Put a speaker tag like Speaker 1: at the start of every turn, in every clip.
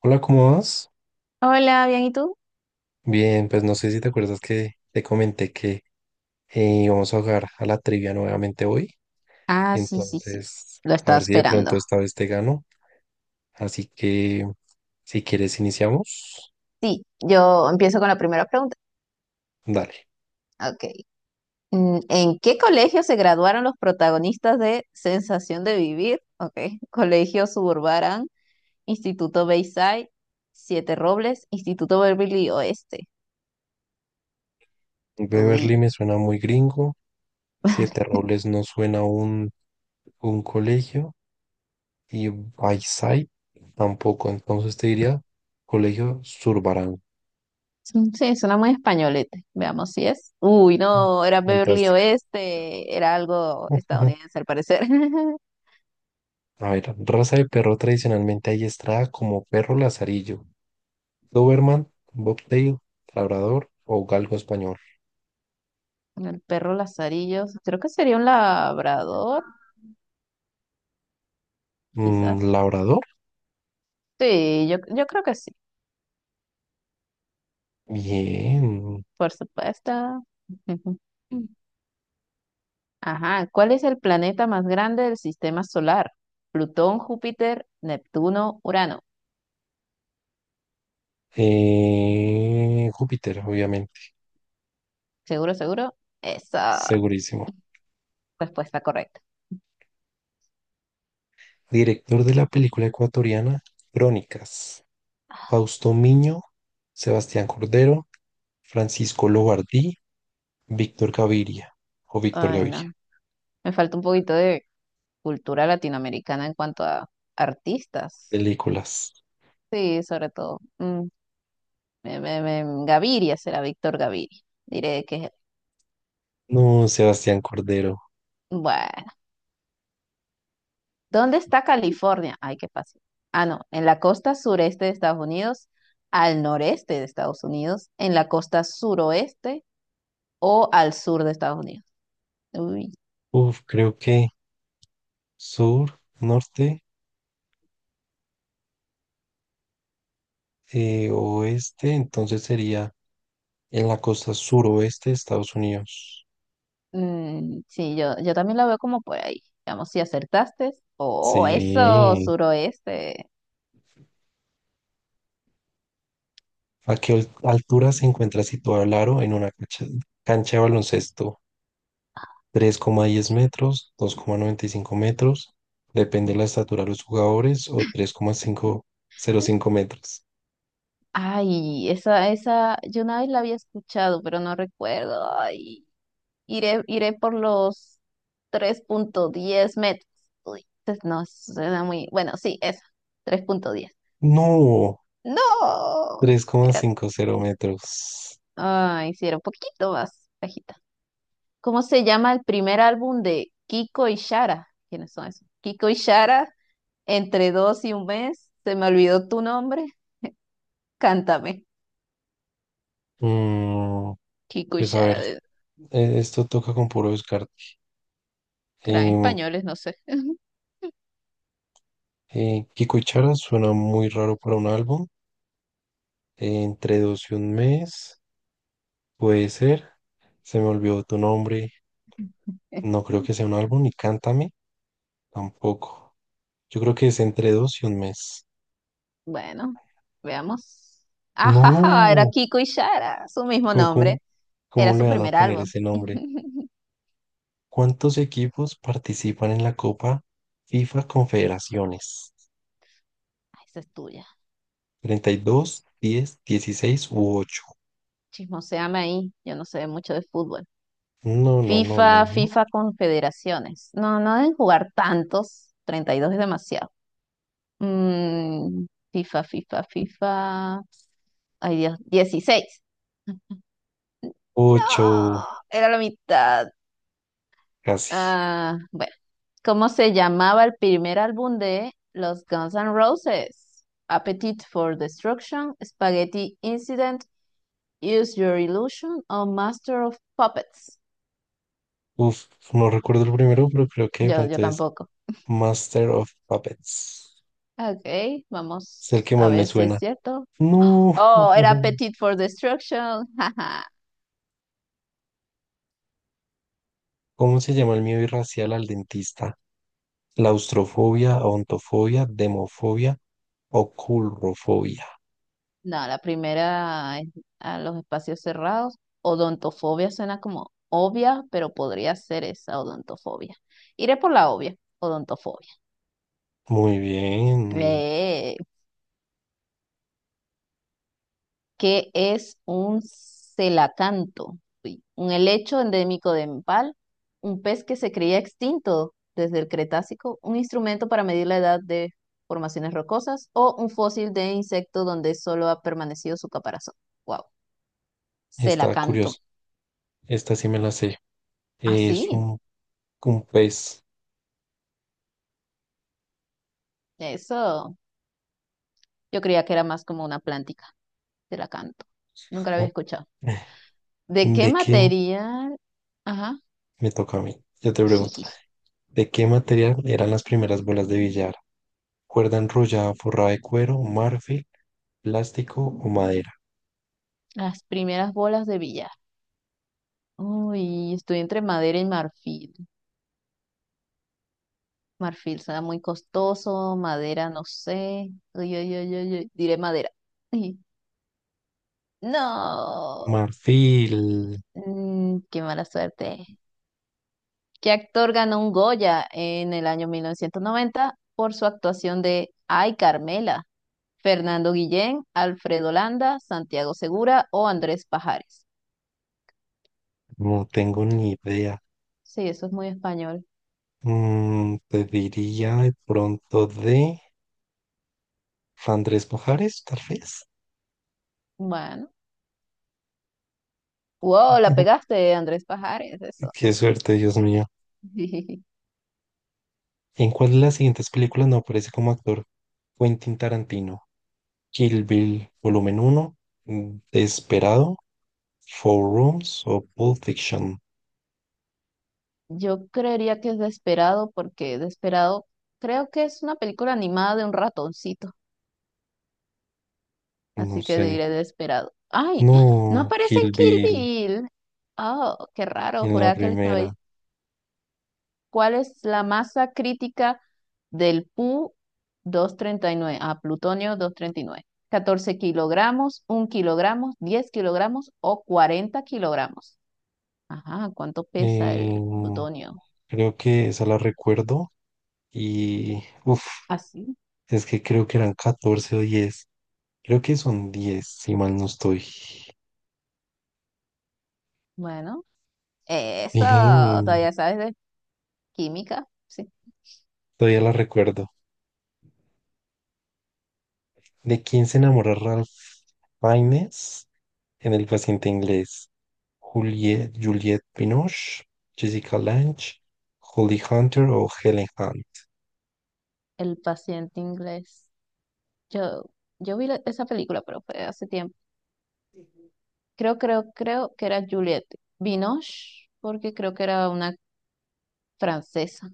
Speaker 1: Hola, ¿cómo vas?
Speaker 2: Hola, bien, ¿y tú?
Speaker 1: Bien, pues no sé si te acuerdas que te comenté que íbamos a jugar a la trivia nuevamente hoy.
Speaker 2: Ah, sí, sí, sí.
Speaker 1: Entonces,
Speaker 2: Lo
Speaker 1: a
Speaker 2: estaba
Speaker 1: ver si de pronto
Speaker 2: esperando.
Speaker 1: esta vez te gano. Así que, si quieres, iniciamos.
Speaker 2: Sí, yo empiezo con la primera pregunta.
Speaker 1: Dale.
Speaker 2: Ok. ¿En qué colegio se graduaron los protagonistas de Sensación de Vivir? Ok. Colegio Suburban, Instituto Bayside, Siete Robles, Instituto Beverly Oeste.
Speaker 1: Beverly
Speaker 2: Uy,
Speaker 1: me suena muy gringo.
Speaker 2: vale.
Speaker 1: Siete Robles no suena un colegio. Y Bayside tampoco. Entonces te diría colegio Zurbarán.
Speaker 2: Mm, sí, suena muy españolete. Veamos si es. Uy,
Speaker 1: Mm,
Speaker 2: no, era Beverly
Speaker 1: fantástica.
Speaker 2: Oeste. Era algo estadounidense al parecer.
Speaker 1: A ver, raza de perro tradicionalmente adiestrada como perro lazarillo, Doberman, Bobtail, Labrador o Galgo español.
Speaker 2: El perro Lazarillos, creo que sería un labrador,
Speaker 1: Mm,
Speaker 2: quizás.
Speaker 1: Labrador,
Speaker 2: Sí, yo creo que sí,
Speaker 1: bien.
Speaker 2: por supuesto. Ajá, ¿cuál es el planeta más grande del sistema solar? Plutón, Júpiter, Neptuno, Urano.
Speaker 1: Júpiter, obviamente,
Speaker 2: ¿Seguro, seguro? Esa
Speaker 1: segurísimo.
Speaker 2: respuesta correcta.
Speaker 1: Director de la película ecuatoriana Crónicas, Fausto Miño, Sebastián Cordero, Francisco Lobardí, Víctor Gaviria o Víctor
Speaker 2: Ay,
Speaker 1: Gaviria.
Speaker 2: no. Me falta un poquito de cultura latinoamericana en cuanto a artistas.
Speaker 1: Películas.
Speaker 2: Sí, sobre todo. Mm, Gaviria será Víctor Gaviria. Diré que es él.
Speaker 1: No, Sebastián Cordero.
Speaker 2: Bueno. ¿Dónde está California? Ay, qué fácil. Ah, no, en la costa sureste de Estados Unidos, al noreste de Estados Unidos, en la costa suroeste o al sur de Estados Unidos. Uy,
Speaker 1: Uf, creo que sur, norte, oeste, entonces sería en la costa suroeste de Estados Unidos.
Speaker 2: mm, sí, yo también la veo como por ahí. Vamos, si acertaste. Oh, eso,
Speaker 1: Sí.
Speaker 2: suroeste.
Speaker 1: ¿A qué altura se encuentra situado el aro en una cancha de baloncesto? 3,10 metros, 2,95 metros, depende de la estatura de los jugadores, o 3,505 metros.
Speaker 2: Ay, esa, yo una vez la había escuchado, pero no recuerdo. Ay. Iré, iré por los 3,10 metros. Uy, pues no, suena muy... Bueno, sí, eso, 3,10.
Speaker 1: No,
Speaker 2: No, era...
Speaker 1: 3,50 metros.
Speaker 2: Ah, hicieron un poquito más bajita. ¿Cómo se llama el primer álbum de Kiko y Shara? ¿Quiénes son esos? Kiko y Shara, entre dos y un mes, se me olvidó tu nombre, cántame.
Speaker 1: Mm,
Speaker 2: Kiko y
Speaker 1: pues a
Speaker 2: Shara,
Speaker 1: ver,
Speaker 2: de-
Speaker 1: esto toca con puro descarte.
Speaker 2: Serán
Speaker 1: Em,
Speaker 2: españoles, no sé.
Speaker 1: Kiko y Chara suena muy raro para un álbum. Entre dos y un mes, puede ser. Se me olvidó tu nombre. No creo que sea un álbum, ni Cántame tampoco. Yo creo que es entre dos y un mes.
Speaker 2: Bueno, veamos. Ajaja, era
Speaker 1: No,
Speaker 2: Kiko y Shara, su mismo
Speaker 1: ¿cómo, cómo-
Speaker 2: nombre.
Speaker 1: ¿cómo
Speaker 2: Era
Speaker 1: le
Speaker 2: su
Speaker 1: van a
Speaker 2: primer
Speaker 1: poner
Speaker 2: álbum.
Speaker 1: ese nombre? ¿Cuántos equipos participan en la Copa FIFA Confederaciones?
Speaker 2: Ay, esa es tuya.
Speaker 1: 32, 10, 16 u ocho.
Speaker 2: Chismoséame ahí. Yo no sé mucho de fútbol.
Speaker 1: No, no, no, no,
Speaker 2: FIFA,
Speaker 1: no.
Speaker 2: FIFA Confederaciones. No, no deben jugar tantos. 32 es demasiado. Mm, FIFA. Ay, Dios, 16. No,
Speaker 1: Ocho,
Speaker 2: era la mitad.
Speaker 1: casi.
Speaker 2: Ah, bueno. ¿Cómo se llamaba el primer álbum de los Guns N' Roses? Appetite for Destruction, Spaghetti Incident, Use Your Illusion o Master of Puppets.
Speaker 1: Uf, no recuerdo el primero, pero creo que de
Speaker 2: Yo
Speaker 1: pronto es
Speaker 2: tampoco.
Speaker 1: Master of Puppets.
Speaker 2: Ok,
Speaker 1: Es el
Speaker 2: vamos
Speaker 1: que
Speaker 2: a
Speaker 1: más me
Speaker 2: ver si es
Speaker 1: suena.
Speaker 2: cierto.
Speaker 1: No.
Speaker 2: Oh, era Appetite for Destruction. Jaja.
Speaker 1: ¿Cómo se llama el miedo irracional al dentista? Claustrofobia, ontofobia, demofobia o culrofobia.
Speaker 2: No, la primera es a los espacios cerrados. Odontofobia suena como obvia, pero podría ser esa odontofobia. Iré por la obvia, odontofobia.
Speaker 1: Muy bien.
Speaker 2: Eh. ¿Qué es un celacanto? Uy, ¿un helecho endémico de Nepal, un pez que se creía extinto desde el Cretácico, un instrumento para medir la edad de formaciones rocosas o un fósil de insecto donde solo ha permanecido su caparazón? Wow,
Speaker 1: Está curioso.
Speaker 2: celacanto.
Speaker 1: Esta sí me la sé.
Speaker 2: Ah,
Speaker 1: Es
Speaker 2: sí,
Speaker 1: un pez.
Speaker 2: eso. Yo creía que era más como una plántica, celacanto. Nunca la había escuchado. ¿De qué
Speaker 1: ¿De qué
Speaker 2: material? Ajá,
Speaker 1: me toca a mí? Yo te pregunto, ¿de qué material eran las primeras bolas de billar? Cuerda enrollada forrada de cuero, marfil, ¿plástico o madera?
Speaker 2: las primeras bolas de billar. Uy, estoy entre madera y marfil. Marfil será muy costoso, madera no sé. Uy, uy, uy, uy, uy, diré madera. Uy, no,
Speaker 1: Marfil,
Speaker 2: mm, qué mala suerte. ¿Qué actor ganó un Goya en el año 1990 por su actuación de Ay, Carmela? Fernando Guillén, Alfredo Landa, Santiago Segura o Andrés Pajares.
Speaker 1: no tengo ni idea.
Speaker 2: Sí, eso es muy español.
Speaker 1: Mm, te diría de pronto de Andrés Pajares, tal vez.
Speaker 2: Bueno. Wow, la pegaste, Andrés Pajares, eso.
Speaker 1: Qué suerte, Dios mío. ¿En cuál de las siguientes películas no aparece como actor Quentin Tarantino? Kill Bill, volumen uno, Desperado, Four Rooms o Pulp Fiction.
Speaker 2: Yo creería que es Desperado porque Desperado creo que es una película animada de un ratoncito,
Speaker 1: No
Speaker 2: así que
Speaker 1: sé.
Speaker 2: diré Desperado. ¡Ay! ¡Ah! No
Speaker 1: No,
Speaker 2: aparece en
Speaker 1: Kill
Speaker 2: Kill
Speaker 1: Bill
Speaker 2: Bill. Oh, qué raro,
Speaker 1: en la
Speaker 2: juraba que él estaba
Speaker 1: primera.
Speaker 2: ahí. ¿Cuál es la masa crítica del Pu 239? Ah, ¿plutonio 239? 14 kilogramos, 1 kilogramo, 10 kilogramos o 40 kilogramos. Ajá, ¿cuánto pesa el
Speaker 1: Eh,
Speaker 2: plutonio?
Speaker 1: creo que esa la recuerdo. Y, uff,
Speaker 2: Así.
Speaker 1: es que creo que eran 14 o 10. Creo que son 10 si mal no estoy.
Speaker 2: Bueno. Eso,
Speaker 1: Bien,
Speaker 2: todavía sabes química, sí,
Speaker 1: todavía la recuerdo. ¿De quién se enamora Ralph Fiennes en El paciente inglés? Juliet, Juliette Binoche, Jessica Lange, Holly Hunter o Helen Hunt.
Speaker 2: el paciente inglés. Yo, yo vi esa película, pero fue hace tiempo. Creo que era Juliette Binoche, porque creo que era una francesa.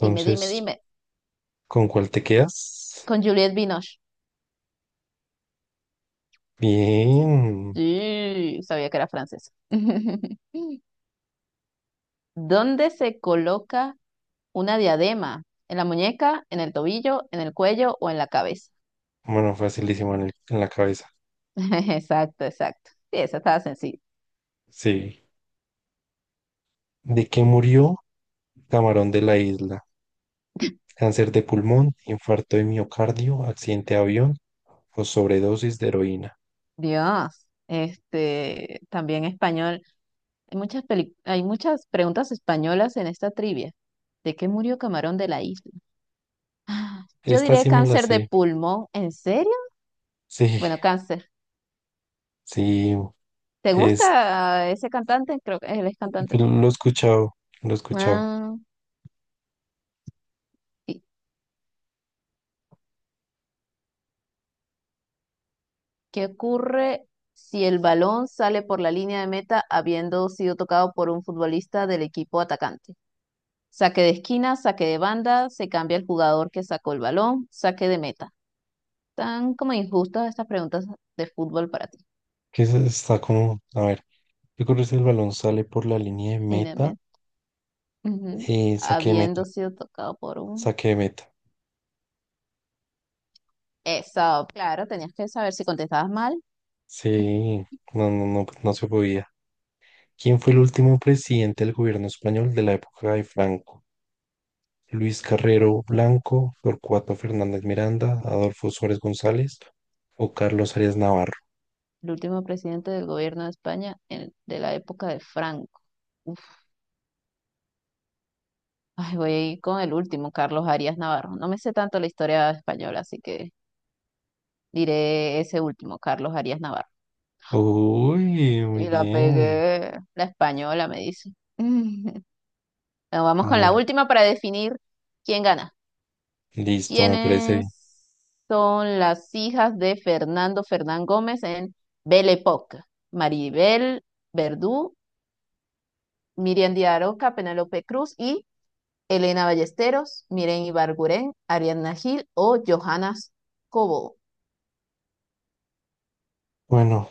Speaker 2: Dime, dime,
Speaker 1: Entonces,
Speaker 2: dime.
Speaker 1: ¿con cuál te quedas?
Speaker 2: Con Juliette Binoche.
Speaker 1: Bien.
Speaker 2: Sí, sabía que era francesa. ¿Dónde se coloca una diadema? ¿En la muñeca, en el tobillo, en el cuello o en la cabeza?
Speaker 1: Bueno, facilísimo en la cabeza.
Speaker 2: Exacto, exacto. Sí, esa estaba sencilla.
Speaker 1: Sí. ¿De qué murió Camarón de la Isla? Cáncer de pulmón, infarto de miocardio, accidente de avión o sobredosis de heroína.
Speaker 2: Dios, este, también español. Hay muchas hay muchas preguntas españolas en esta trivia. ¿De qué murió Camarón de la isla? Ah, yo
Speaker 1: Esta
Speaker 2: diré
Speaker 1: sí me la
Speaker 2: cáncer de
Speaker 1: sé.
Speaker 2: pulmón. ¿En serio?
Speaker 1: Sí,
Speaker 2: Bueno, cáncer.
Speaker 1: sí,
Speaker 2: ¿Te
Speaker 1: es,
Speaker 2: gusta ese cantante? Creo que él es cantante, ¿no?
Speaker 1: lo he escuchado, lo he escuchado.
Speaker 2: Ah, ¿y ¿qué ocurre si el balón sale por la línea de meta habiendo sido tocado por un futbolista del equipo atacante? Saque de esquina, saque de banda, se cambia el jugador que sacó el balón, saque de meta. Tan como injustas estas preguntas de fútbol para ti.
Speaker 1: Que está como, a ver, ¿qué ocurre si el balón sale por la línea de meta?
Speaker 2: Ujú.
Speaker 1: Eh, saque de meta,
Speaker 2: Habiendo sido tocado por un...
Speaker 1: saque de meta.
Speaker 2: Eso, claro, tenías que saber si contestabas mal.
Speaker 1: Sí, no se podía. ¿Quién fue el último presidente del gobierno español de la época de Franco? Luis Carrero Blanco, Torcuato Fernández Miranda, Adolfo Suárez González o Carlos Arias Navarro.
Speaker 2: El último presidente del gobierno de España de la época de Franco. Uf, ay, voy a ir con el último, Carlos Arias Navarro. No me sé tanto la historia española, así que diré ese último, Carlos Arias Navarro.
Speaker 1: Uy, muy
Speaker 2: Y la
Speaker 1: bien.
Speaker 2: pegué. La española me dice. Bueno, vamos con la
Speaker 1: Bueno,
Speaker 2: última para definir quién gana.
Speaker 1: listo, me parece
Speaker 2: ¿Quiénes
Speaker 1: bien.
Speaker 2: son las hijas de Fernando Fernán Gómez en Belle Époque? Maribel Verdú, Miriam Díaz Aroca, Penélope Cruz y Elena Ballesteros, Miren Ibarguren, Ariadna Gil o Johanna Cobo.
Speaker 1: Bueno,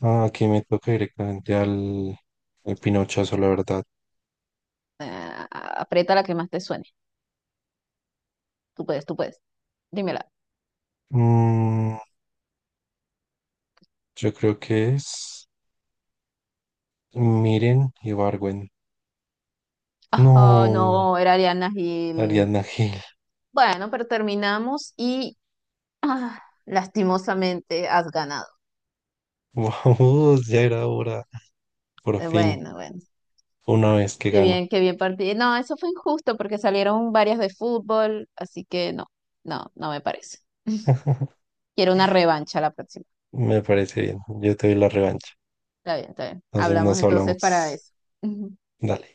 Speaker 1: ah, aquí me toca directamente al pinochazo, la verdad.
Speaker 2: Aprieta la que más te suene. Tú puedes, tú puedes. Dímela.
Speaker 1: Mm, yo creo que es Miren y Barwen.
Speaker 2: Ah,
Speaker 1: No,
Speaker 2: no, era Ariadna Gil.
Speaker 1: Ariadna Gil.
Speaker 2: Bueno, pero terminamos y ah, lastimosamente has ganado.
Speaker 1: Vamos, ya era hora. Por fin,
Speaker 2: Bueno, bueno.
Speaker 1: una vez que gano.
Speaker 2: Qué bien partido. No, eso fue injusto porque salieron varias de fútbol, así que no, no, no me parece. Quiero una revancha la próxima.
Speaker 1: Me parece bien. Yo te doy la revancha.
Speaker 2: Está bien, está bien.
Speaker 1: Entonces
Speaker 2: Hablamos
Speaker 1: nos
Speaker 2: entonces
Speaker 1: hablamos.
Speaker 2: para eso.
Speaker 1: Dale.